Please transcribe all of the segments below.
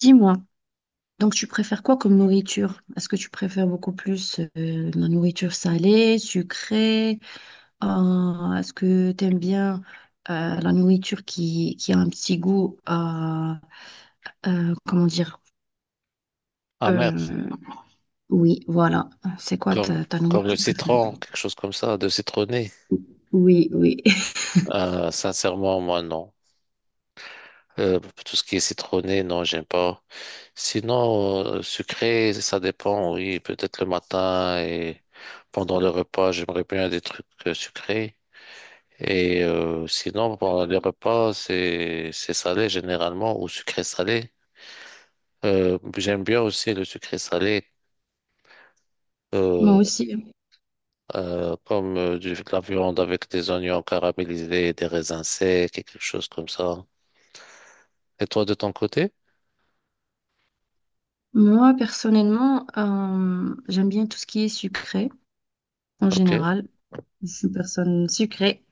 Dis-moi, donc tu préfères quoi comme nourriture? Est-ce que tu préfères beaucoup plus la nourriture salée, sucrée? Est-ce que tu aimes bien la nourriture qui a un petit goût, comment dire? Amer, Euh, oui, voilà. C'est quoi comme, ta comme le nourriture préférée? citron, quelque chose comme ça, de citronné. Oui, oui. Sincèrement, moi, non. Tout ce qui est citronné, non, j'aime pas. Sinon, sucré, ça dépend, oui. Peut-être le matin et pendant le repas, j'aimerais bien des trucs sucrés. Et sinon, pendant les repas, c'est salé généralement ou sucré salé. J'aime bien aussi le sucré salé. Moi aussi. Comme de la viande avec des oignons caramélisés, des raisins secs et quelque chose comme ça. Et toi, de ton côté? Moi, personnellement, j'aime bien tout ce qui est sucré en Ok. général. Je suis une personne sucrée.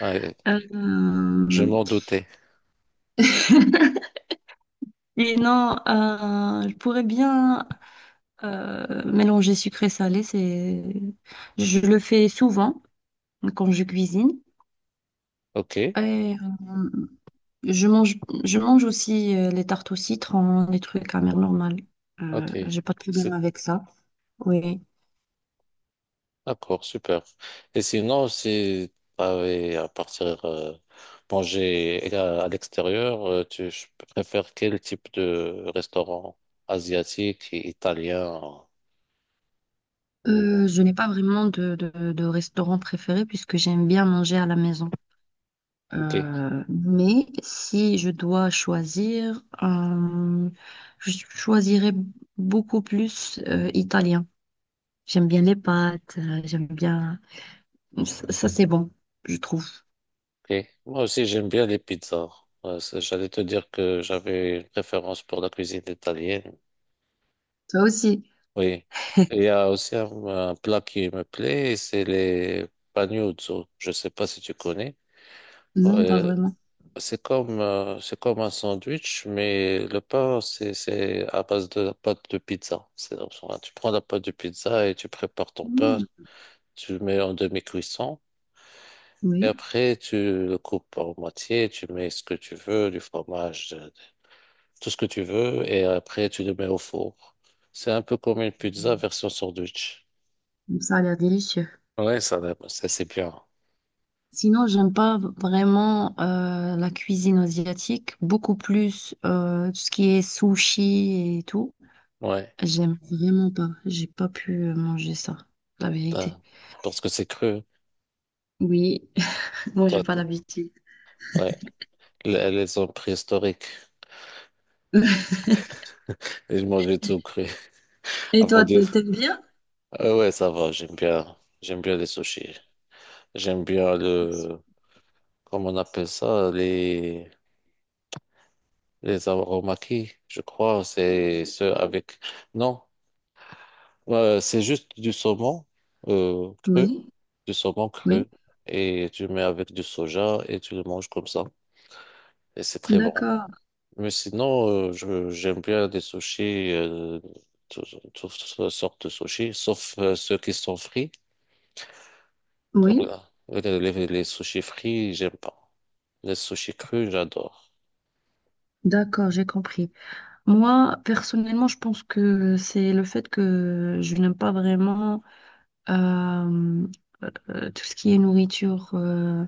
Ah, je Euh, m'en doutais. Et non, je pourrais bien mélanger sucré-salé. Je le fais souvent quand je cuisine. Ok, Et euh, je mange, je mange aussi les tartes au citron, les trucs à mère normale. ok, J'ai pas de problème c'est avec ça. Oui. d'accord, super. Et sinon, si tu avais à partir manger à l'extérieur, tu je préfères quel type de restaurant, asiatique, italien ou... Je n'ai pas vraiment de restaurant préféré puisque j'aime bien manger à la maison. Ok. Mais si je dois choisir, je choisirais beaucoup plus italien. J'aime bien les pâtes, j'aime bien... Ça, c'est bon, je trouve. Ok, moi aussi, j'aime bien les pizzas. Ouais, j'allais te dire que j'avais une préférence pour la cuisine italienne. Toi aussi? Oui. Et il y a aussi un plat qui me plaît, c'est les panuzzo. Je ne sais pas si tu connais. Non, pas Euh, vraiment. c'est comme, c'est comme un sandwich, mais le pain, c'est à base de la pâte de pizza. Enfin, tu prends la pâte de pizza et tu prépares ton pain, Mm, tu le mets en demi-cuisson. Et oui. après, tu le coupes en moitié, tu mets ce que tu veux, du fromage, tout ce que tu veux, et après, tu le mets au four. C'est un peu comme une pizza version sandwich. Hmm, ça a l'air délicieux. Ouais, ça dépend, ça c'est bien. Sinon, j'aime pas vraiment la cuisine asiatique, beaucoup plus tout ce qui est sushi et tout. Ouais, J'aime vraiment pas. J'ai pas pu manger ça, la vérité. putain. Parce que c'est cru. Oui, moi j'ai Toi, pas l'habitude. ouais, les hommes préhistoriques, ils mangeaient tout cru. Et Avant toi, de... t'aimes bien? Ah ouais, ça va, j'aime bien. J'aime bien les sushis. J'aime bien le... Comment on appelle ça? Les aromaki, je crois. C'est ceux avec... Non, c'est juste du saumon cru. Oui, Du saumon oui, cru et tu le mets avec du soja et tu le manges comme ça. Et c'est très bon. d'accord, Mais sinon, j'aime bien des sushis, tout- toutes sortes de sushis, sauf ceux qui sont frits, oui, comme là. Les, les sushis frits, j'aime pas. Les sushis crus, j'adore. d'accord, j'ai compris. Moi, personnellement, je pense que c'est le fait que je n'aime pas vraiment euh, tout ce qui est nourriture, euh,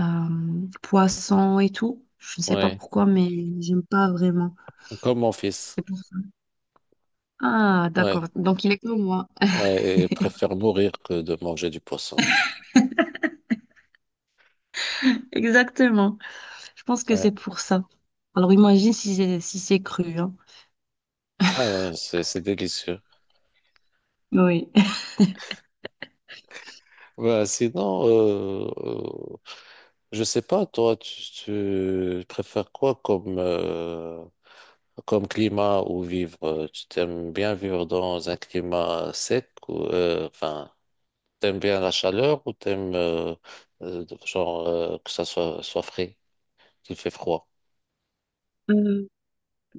euh, poisson et tout. Je ne sais pas Ouais, pourquoi, mais j'aime pas vraiment. comme mon fils. C'est pour ça. Ah, Ouais, d'accord, donc il est comme moi. ouais, et préfère mourir que de manger du poisson. Exactement, je pense que Ouais. c'est pour ça. Alors imagine si c'est si c'est cru, hein. Ah ouais, c'est délicieux. Oui. Bah, sinon, je sais pas, toi, tu préfères quoi comme, comme climat ou vivre? Tu t'aimes bien vivre dans un climat sec ou, enfin, t'aimes bien la chaleur ou t'aimes, genre, que ça soit, soit frais, qu'il fait froid? Euh,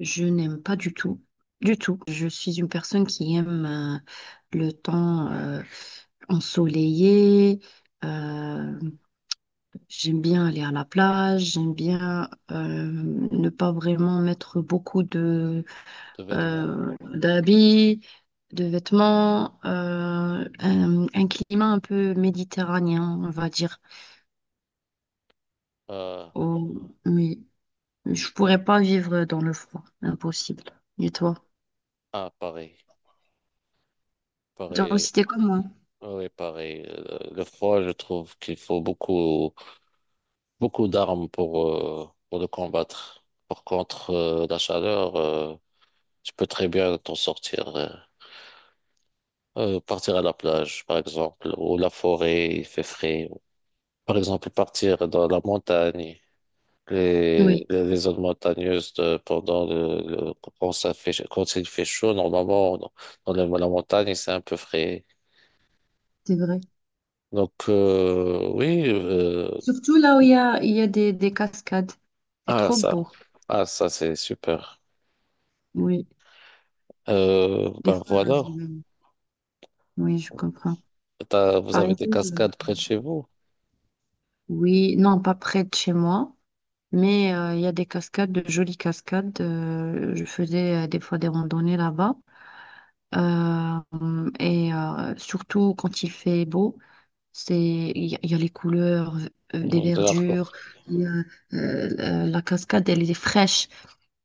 je n'aime pas du tout. Du tout. Je suis une personne qui aime le temps ensoleillé. euh, j'aime bien aller à la plage. J'aime bien ne pas vraiment mettre beaucoup de De vêtements. D'habits, de vêtements. Un climat un peu méditerranéen, on va dire. euh, Oh, oui. Je pourrais pas vivre dans le froid. Impossible. Et toi? ah, pareil, Genre pareil. aussi, t'es comme moi. Oui, pareil. Le froid, je trouve qu'il faut beaucoup, beaucoup d'armes pour le combattre. Par contre, la chaleur, tu peux très bien t'en sortir. Partir à la plage, par exemple, ou la forêt, il fait frais. Par exemple, partir dans la montagne, Oui, les zones montagneuses pendant quand ça fait, quand il fait chaud, normalement, dans, dans la la montagne, c'est un peu frais. c'est vrai. Donc, oui. Surtout là où il y a des cascades. C'est Ah, trop ça, beau. ah, ça c'est super. Oui, des Ben fois, voilà. j'y vais. Oui, je comprends. T'as- vous Par avez des exemple, cascades près de chez vous. oui, non, pas près de chez moi, mais il y a des cascades, de jolies cascades. Je faisais des fois des randonnées là-bas. Surtout quand il fait beau, c'est, il y a les couleurs des De l'arc. verdures. Il y a, la cascade, elle est fraîche.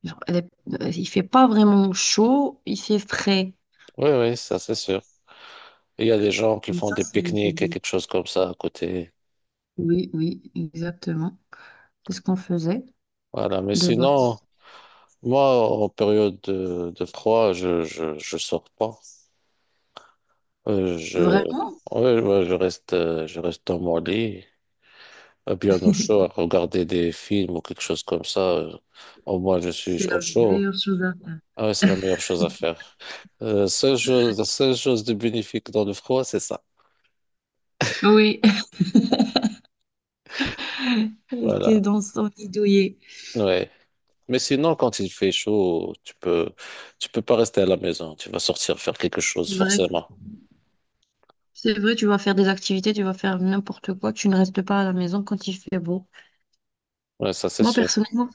Genre, elle est- il fait pas vraiment chaud, il fait frais. Oui, oui, ça c'est sûr. Il y a des gens qui Mais font ça, des c'est pique-niques et bon. quelque chose comme ça à côté. Oui, oui, exactement. C'est ce qu'on faisait Voilà, mais de sinon, base. moi, en période de froid, je sors pas. Euh, je, Vraiment, ouais, ouais, je reste dans mon lit. Bien au chaud, à regarder des films ou quelque chose comme ça. Au moins, je c'est suis au la chaud. meilleure chose à faire. Ah ouais, c'est la meilleure chose à faire. La seule chose de bénéfique dans le froid, c'est ça. Oui, rester Voilà. dans son lit douillet. Ouais. Mais sinon, quand il fait chaud, tu peux pas rester à la maison. Tu vas sortir faire quelque chose, C'est vrai. forcément. C'est vrai, tu vas faire des activités, tu vas faire n'importe quoi, tu ne restes pas à la maison quand il fait beau. Ouais, ça, c'est Moi, sûr. personnellement,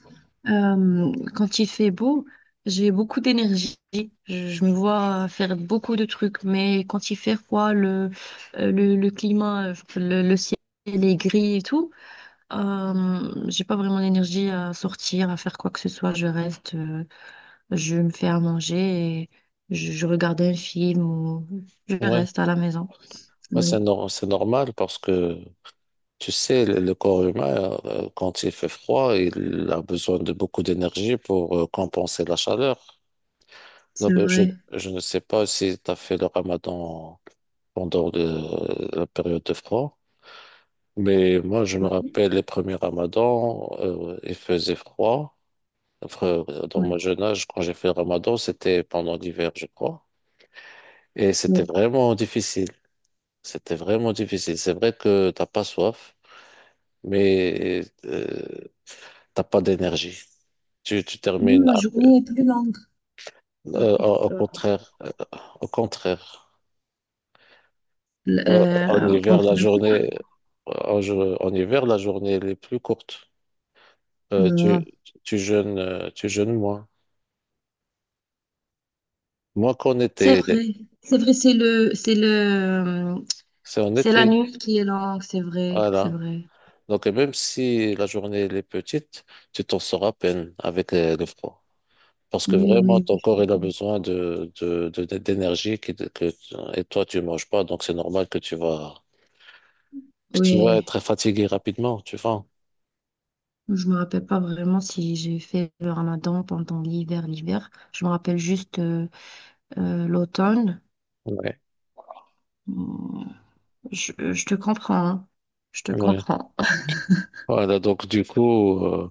Quand il fait beau, j'ai beaucoup d'énergie. Je me vois faire beaucoup de trucs, mais quand il fait froid, le climat, le ciel est gris et tout, j'ai pas vraiment l'énergie à sortir, à faire quoi que ce soit. Je reste, je me fais à manger et je regarde un film ou je Ouais. reste à la maison. Ouais, c'est Oui, nor- c'est normal parce que, tu sais, le corps humain, quand il fait froid, il a besoin de beaucoup d'énergie pour compenser la chaleur. c'est Donc, vrai. je ne sais pas si tu as fait le ramadan pendant la période de froid, mais moi, je me Oui, rappelle les premiers ramadans, il faisait froid. Enfin, dans oui, mon jeune âge, quand j'ai fait le ramadan, c'était pendant l'hiver, je crois. Et c'était oui. vraiment difficile. C'était vraiment difficile. C'est vrai que t'as pas soif, mais t'as pas d'énergie. Tu, tu Même termines la à- journée est plus longue. Euh, au contraire, au contraire. Euh, En hiver, pendant la le froid. journée, en, en hiver, la journée, elle est plus courte. Euh, tu, Non. Tu jeûnes moins. Moins qu'en C'est été. vrai, c'est vrai, C'est en c'est la été. nuit qui est longue, c'est vrai, c'est Voilà. vrai. Donc, et même si la journée, elle est petite, tu t'en sors à peine avec le froid. Parce que Oui, vraiment, oui, ton oui. corps, il a besoin d'énergie et toi, tu manges pas. Donc, c'est normal que que tu vas Oui. être fatigué rapidement, tu vois. Je me rappelle pas vraiment si j'ai fait le ramadan pendant l'hiver. Je me rappelle juste l'automne. Ouais. Mm. Je te comprends, hein. Je te Ouais. comprends. Voilà. Donc, du coup, euh,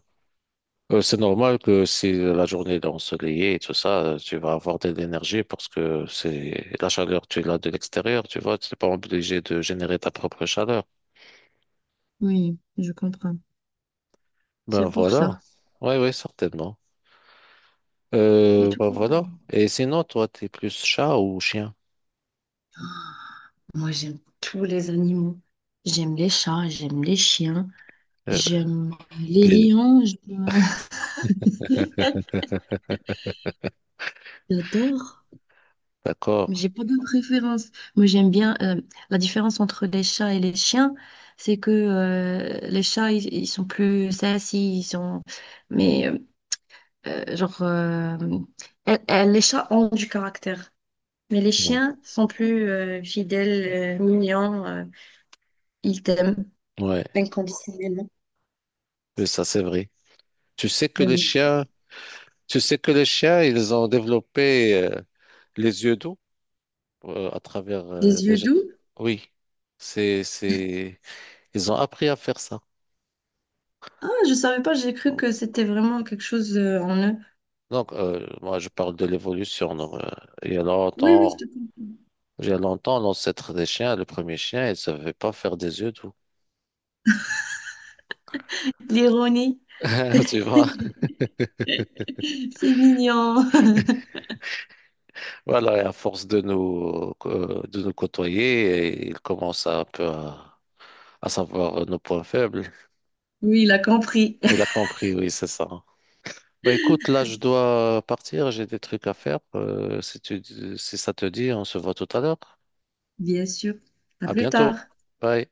Euh, c'est normal que si la journée est ensoleillée et tout ça, tu vas avoir de l'énergie parce que c'est la chaleur, tu l'as de l'extérieur, tu vois, tu n'es pas obligé de générer ta propre chaleur. Oui, je comprends. Ben C'est pour voilà. ça. Oui, oui, certainement. Et toi? Ben voilà. Et sinon, toi, t'es plus chat ou chien? Moi, j'aime tous les animaux. J'aime les chats, j'aime les chiens, Euh, j'aime les les- lions. J'adore. D'accord. J'ai pas de préférence. Moi, j'aime bien la différence entre les chats et les chiens, c'est que les chats, ils sont plus sassy, ils sont. Mais euh, genre, euh, les chats ont du caractère, mais les Mm. chiens sont plus fidèles, mignons, ils t'aiment Ouais, inconditionnellement. mais ça c'est vrai. Tu sais que Ah les oui. chiens, tu sais que les chiens, ils ont développé les yeux d'eau à travers Des les... yeux doux. Oui, c'est ils ont appris à faire ça. Ah, je savais pas. J'ai cru que c'était vraiment quelque chose en eux. Donc, moi, je parle de l'évolution. Non, il y a Oui, oui, longtemps, je te comprends. il y a longtemps, l'ancêtre des chiens, le premier chien, il ne savait pas faire des yeux doux. L'ironie, Tu vois? c'est mignon. Voilà, et à force de nous côtoyer, et il commence à, un peu à savoir nos points faibles. Oui, il a compris. Il a compris, oui, c'est ça. Bah écoute, là, je dois partir, j'ai des trucs à faire. Si ça te dit, on se voit tout à l'heure. Bien sûr. À À plus bientôt. tard. Bye.